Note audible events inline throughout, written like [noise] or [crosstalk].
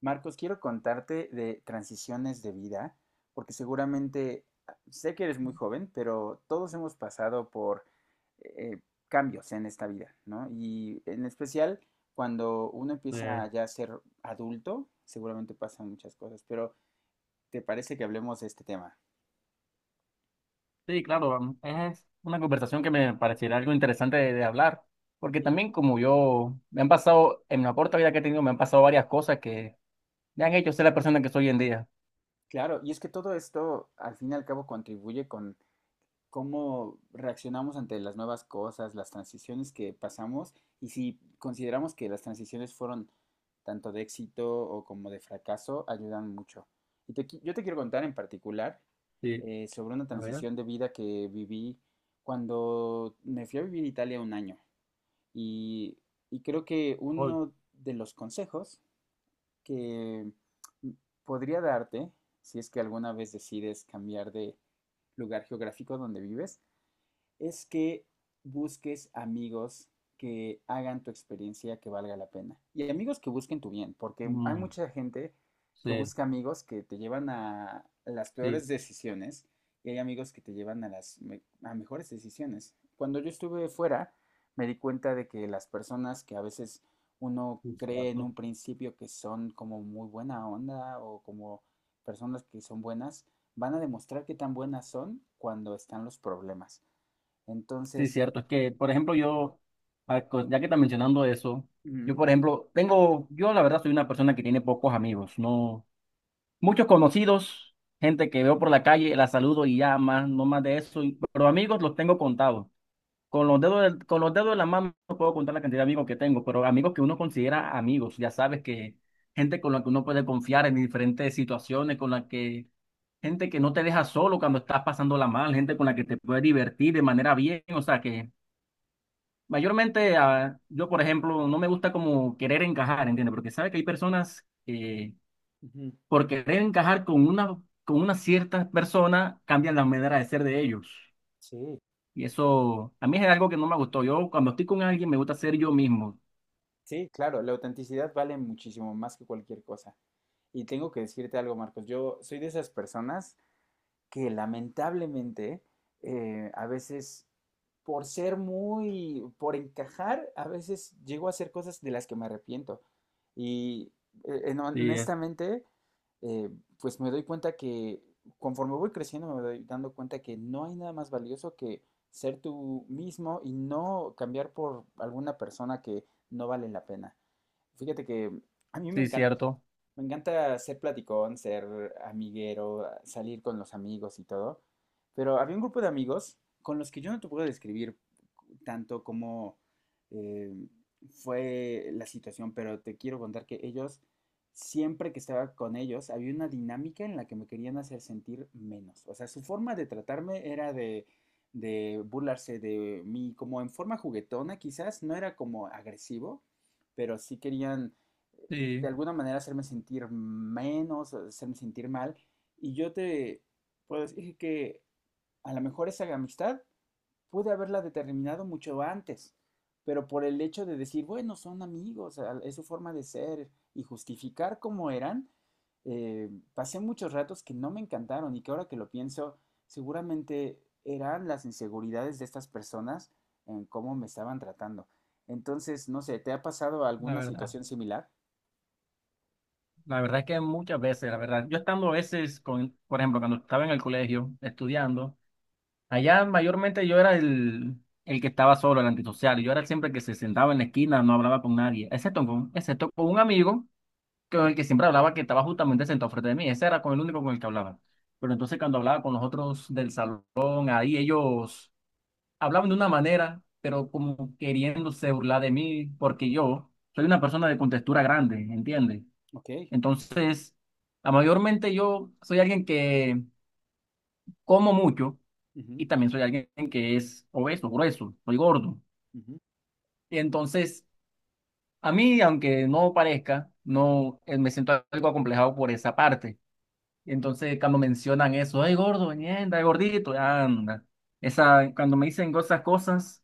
Marcos, quiero contarte de transiciones de vida, porque seguramente sé que eres muy joven, pero todos hemos pasado por eh, cambios en esta vida, ¿no? Y en especial cuando uno Eh, empieza ya a ser adulto, seguramente pasan muchas cosas, pero ¿te parece que hablemos de este tema? sí, claro, es una conversación que me pareciera algo interesante de hablar, porque Y también como yo, me han pasado, en la corta vida que he tenido, me han pasado varias cosas que me han hecho ser la persona que soy hoy en día. claro, y es que todo esto al fin y al cabo contribuye con cómo reaccionamos ante las nuevas cosas, las transiciones que pasamos y si consideramos que las transiciones fueron tanto de éxito o como de fracaso, ayudan mucho. Yo te quiero contar en particular Sí, sobre una a ver, transición de vida que viví cuando me fui a vivir a Italia un año. Y, y creo que hoy. uno de los consejos que m- podría darte, si es que alguna vez decides cambiar de lugar geográfico donde vives, es que busques amigos que hagan tu experiencia que valga la pena. Y amigos que busquen tu bien, porque hay Mm, mucha gente que sí, busca amigos que te llevan a las sí, peores decisiones y hay amigos que te llevan a las a mejores decisiones. Cuando yo estuve fuera, me di cuenta de que las personas que a veces uno sí, cree en cierto. un principio que son como muy buena onda o como personas que son buenas, van a demostrar qué tan buenas son cuando están los problemas. Sí, Entonces, cierto, es que, por ejemplo, ya que está mencionando eso, yo, Ujú, por ejemplo, yo la verdad soy una persona que tiene pocos amigos, no. Muchos conocidos, gente que veo por la calle, la saludo y ya más, no más de eso. Pero amigos los tengo contados. Con los dedos de la mano no puedo contar la cantidad de amigos que tengo, pero amigos que uno considera amigos, ya sabes que gente con la que uno puede confiar en diferentes situaciones, con la que gente que no te deja solo cuando estás pasándola mal, gente con la que te puede divertir de manera bien, o sea que mayormente yo por ejemplo no me gusta como querer encajar, ¿entiendes? Porque sabes que hay personas que ujú. por querer encajar con una cierta persona, cambian la manera de ser de ellos. Sí, Y eso a mí es algo que no me gustó. Yo cuando estoy con alguien me gusta ser yo mismo. sí, claro, la autenticidad vale muchísimo más que cualquier cosa. Y tengo que decirte algo, Marcos, yo soy de esas personas que lamentablemente a veces, por encajar, a veces llego a hacer cosas de las que me arrepiento. Y Sí, es, honestamente, eh, pues me doy cuenta que conforme voy creciendo, me doy dando cuenta que no hay nada más valioso que ser tú mismo y no cambiar por alguna persona que no vale la pena. Fíjate que a mí sí, cierto. me encanta ser platicón, ser amiguero, salir con los amigos y todo, pero había un grupo de amigos con los que yo no te puedo describir tanto como eh, fue la situación, pero te quiero contar que ellos, siempre que estaba con ellos, había una dinámica en la que me querían hacer sentir menos. O sea, su forma de tratarme era de burlarse de mí, como en forma juguetona quizás, no era como agresivo pero sí querían eh, de Sí, alguna manera hacerme sentir menos, hacerme sentir mal. Y yo te puedo decir que a lo mejor esa amistad pude haberla determinado mucho antes, pero por el hecho de decir, bueno, son amigos, es su forma de ser y justificar cómo eran, pasé muchos ratos que no me encantaron y que ahora que lo pienso, seguramente eran las inseguridades de estas personas en cómo me estaban tratando. Entonces, no sé, ¿te ha pasado la alguna verdad. situación similar? La verdad es que muchas veces, la verdad, yo estando a veces con, por ejemplo, cuando estaba en el colegio estudiando, allá mayormente el que estaba solo, el antisocial. Yo era siempre el que se sentaba en la esquina, no hablaba con nadie, excepto con un amigo con el que siempre hablaba, que estaba justamente sentado frente de mí. Ese era con el único con el que hablaba. Pero entonces cuando hablaba con los otros del salón, ahí ellos hablaban de una manera, pero como queriéndose burlar de mí, porque yo soy una Ujú. persona de contextura grande, ¿entiendes? Ok. Entonces, mayormente yo soy alguien que como mucho, Ujú, y también soy alguien que es obeso, grueso, soy ujú, gordo. ujú. Y entonces, a mí, aunque no parezca, no me siento algo acomplejado por esa parte. Y entonces cuando mencionan eso, ay gordo, ñenda, gordito, anda. Esa, cuando me dicen esas cosas,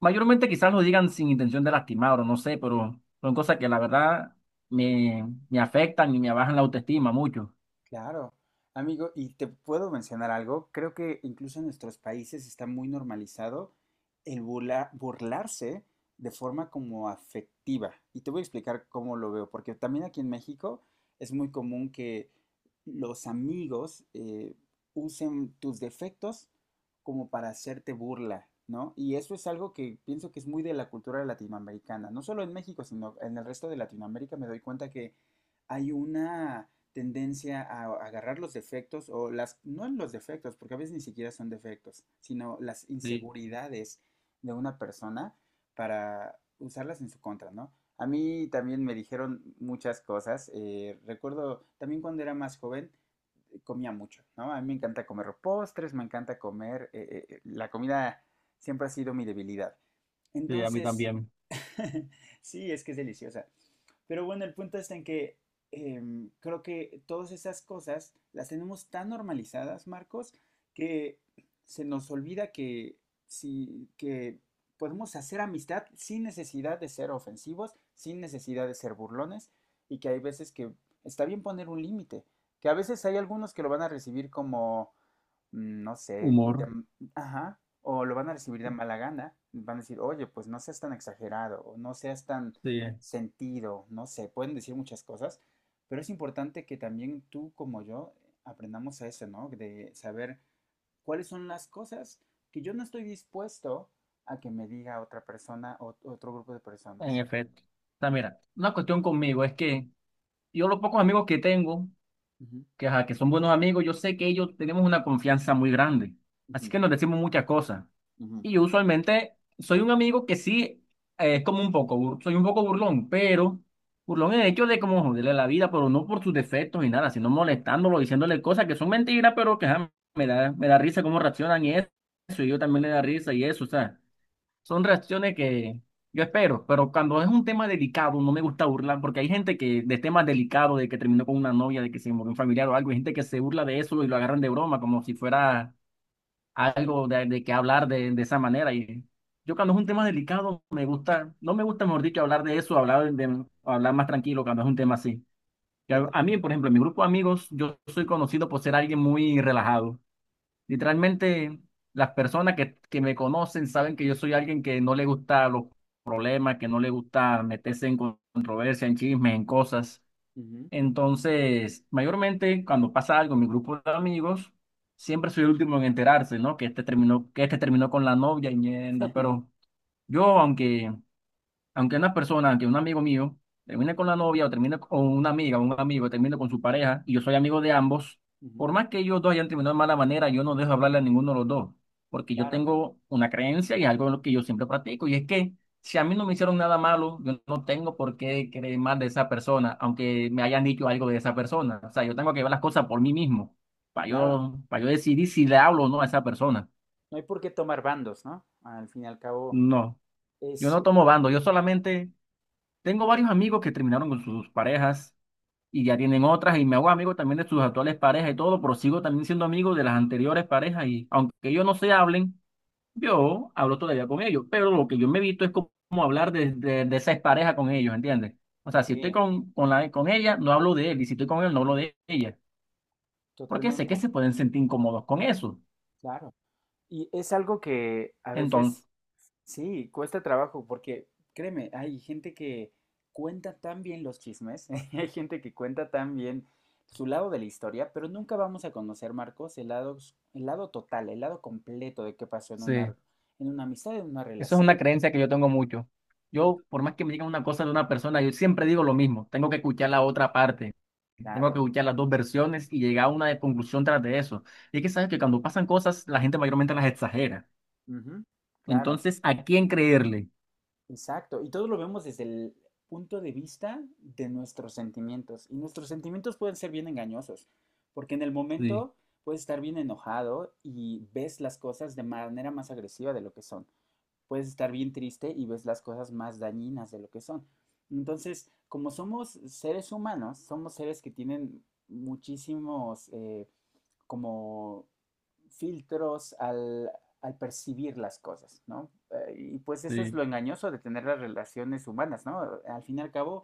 mayormente quizás lo digan sin intención de lastimar o no sé, pero son cosas que la verdad me afectan y me bajan la autoestima mucho. Claro, amigo, y te puedo mencionar algo, creo que incluso en nuestros países está muy normalizado el burlarse de forma como afectiva. Y te voy a explicar cómo lo veo, porque también aquí en México es muy común que los amigos usen tus defectos como para hacerte burla, ¿no? Y eso es algo que pienso que es muy de la cultura latinoamericana, no solo en México, sino en el resto de Latinoamérica me doy cuenta que hay una tendencia a agarrar los defectos o no los defectos, porque a veces ni siquiera son defectos, sino las Sí, inseguridades de una persona para usarlas en su contra, ¿no? A mí también me dijeron muchas cosas. Recuerdo también cuando era más joven, comía mucho, ¿no? A mí me encanta comer postres, me encanta comer. La comida siempre ha sido mi debilidad. sí, a mí Entonces, también. [laughs] sí, es que es deliciosa. Pero bueno, el punto está en que creo que todas esas cosas las tenemos tan normalizadas, Marcos, que se nos olvida que, sí, que podemos hacer amistad sin necesidad de ser ofensivos, sin necesidad de ser burlones, y que hay veces que está bien poner un límite, que a veces hay algunos que lo van a recibir como, mm, no sé, Humor, ajá, o lo van a recibir de mala gana, van a decir, oye, pues no seas tan exagerado, o no seas tan sí, sentido, no sé, pueden decir muchas cosas, pero es importante que también tú como yo aprendamos a eso, ¿no? De saber cuáles son las cosas que yo no estoy dispuesto a que me diga otra persona o otro grupo de en personas, ¿no? efecto. O sea, mira, una cuestión conmigo es que yo los pocos amigos que tengo Ujú, que, ajá, que son buenos amigos, yo sé que ellos tenemos una confianza muy grande. Así ujú, que nos decimos muchas cosas. ujú. Y yo usualmente soy un amigo que es como un poco, soy un poco burlón, pero burlón en el hecho de como joderle la vida, pero no por sus defectos ni nada, sino molestándolo, diciéndole cosas que son mentiras, pero que ajá, me da risa cómo reaccionan y eso, y yo también le da risa y eso, o sea. Son reacciones que yo espero, pero cuando es un tema delicado, no me gusta burlar, porque hay gente que de temas delicados, de que terminó con una novia, de que se murió un familiar o algo, hay gente que se burla de eso y lo agarran de broma, como si fuera Sí, algo de que hablar de esa manera. Y yo cuando es un tema delicado, me gusta, no me gusta, mejor dicho, hablar de eso, hablar más tranquilo cuando es un tema así. A mí, por totalmente. ejemplo, en mi grupo de amigos, yo soy conocido por ser alguien muy relajado. Literalmente, las personas que me conocen saben que yo soy alguien que no le gusta los problemas, que no le gusta meterse en controversia, en chismes, en cosas. Ujú, Entonces, mayormente cuando pasa algo en mi grupo de amigos, siempre soy el último en enterarse, ¿no? Que este terminó con la novia y mierda, pero yo, aunque una persona, aunque un amigo mío termine con la novia o termine con una amiga o un amigo termine con su pareja y yo soy amigo de ambos, ujú. por más que ellos dos hayan terminado de mala manera, yo no dejo hablarle a ninguno de los dos, porque yo Claro, tengo una creencia y algo en lo que yo siempre practico, y es que si a mí no me hicieron nada malo, yo no tengo por qué creer mal de esa persona, aunque me hayan dicho algo de esa persona. O sea, yo tengo que ver las cosas por mí mismo, claro. Para yo decidir si le hablo o no a esa persona. No hay por qué tomar bandos, ¿no? Al fin y al cabo, No, yo Es, no tomo bando, yo solamente tengo varios amigos que terminaron con sus parejas y ya tienen otras y me hago amigo también de sus actuales parejas y todo, pero sigo también siendo amigo de las anteriores parejas y aunque ellos no se hablen, yo hablo todavía con ellos, pero lo que yo me evito es como hablar de esa expareja con ellos, ¿entiendes? O sea, si estoy sí, con ella, no hablo de él, y si estoy con él, no hablo de ella, porque sé que totalmente, se pueden sentir incómodos con eso. claro. Y es algo que a Entonces... veces, sí, cuesta trabajo, porque créeme, hay gente que cuenta tan bien los chismes, [laughs] hay gente que cuenta tan bien su lado de la historia, pero nunca vamos a conocer, Marcos, el lado, el lado total, el lado completo de qué pasó en una amistad, en una Eso es relación. una creencia que yo tengo mucho. Yo, por más que me digan una cosa de una persona, yo siempre digo lo mismo. Tengo que escuchar la otra parte. Tengo Claro, que escuchar las dos versiones y llegar a una conclusión tras de eso. Y es que sabes que cuando pasan cosas, la gente mayormente las exagera. ujú, claro. Entonces, ¿a quién creerle? Exacto, y todo lo vemos desde el punto de vista de nuestros sentimientos. Y nuestros sentimientos pueden ser bien engañosos, porque en el Sí, momento puedes estar bien enojado y ves las cosas de manera más agresiva de lo que son. Puedes estar bien triste y ves las cosas más dañinas de lo que son. Entonces, como somos seres humanos, somos seres que tienen muchísimos como filtros al percibir las cosas, ¿no? Y pues eso es sí. lo engañoso de tener las relaciones humanas, ¿no? Al fin y al cabo,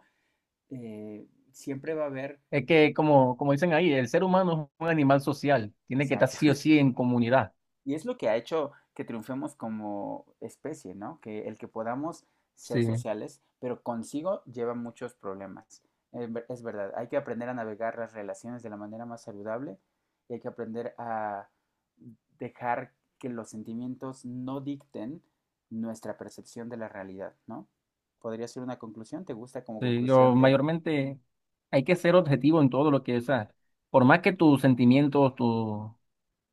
siempre va a haber, Es que, como dicen ahí, el ser humano es un animal social. Tiene que estar exacto, sí o sí en comunidad. Y es lo que ha hecho que triunfemos como especie, ¿no? Que el que podamos ser Sí, sociales, pero consigo lleva muchos problemas. Es verdad, hay que aprender a navegar las relaciones de la manera más saludable y hay que aprender a dejar que los sentimientos no dicten nuestra percepción de la realidad, ¿no? Podría ser una conclusión, ¿te gusta como sí. conclusión Yo de... mayormente hay que ser objetivo en todo lo que es. Por más que tus sentimientos, tu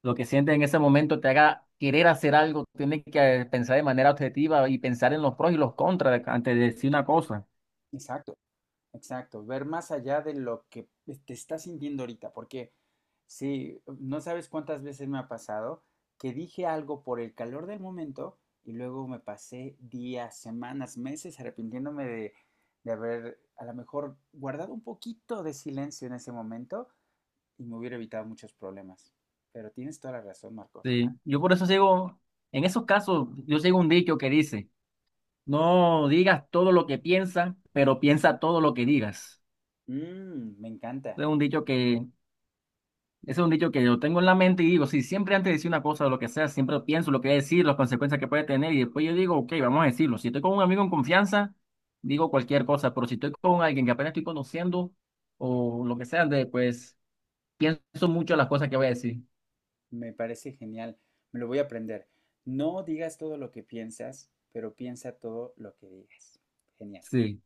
lo que sientes en ese momento te haga querer hacer algo, tienes que pensar de manera objetiva y pensar en los pros y los contras antes de decir una cosa. Exacto. Exacto, ver más allá de lo que te estás sintiendo ahorita, porque sí, no sabes cuántas veces me ha pasado que dije algo por el calor del momento y luego me pasé días, semanas, meses arrepintiéndome de haber a lo mejor guardado un poquito de silencio en ese momento y me hubiera evitado muchos problemas. Pero tienes toda la razón, Marcos. Sí, yo por eso sigo, en esos casos, yo sigo un dicho que dice, no digas todo lo que piensas, pero piensa todo lo que digas. Mm, me encanta. Es un dicho que Ese es un dicho que yo tengo en la mente y digo, si siempre antes de decir una cosa o lo que sea, siempre pienso lo que voy a decir, las consecuencias que puede tener y después yo digo, ok, vamos a decirlo. Si estoy con un amigo en confianza, digo cualquier cosa, pero si estoy con alguien que apenas estoy conociendo o lo que sea, pues pienso mucho las cosas que voy a decir. Me parece genial, me lo voy a aprender. No digas todo lo que piensas, pero piensa todo lo que digas. Genial. Sí.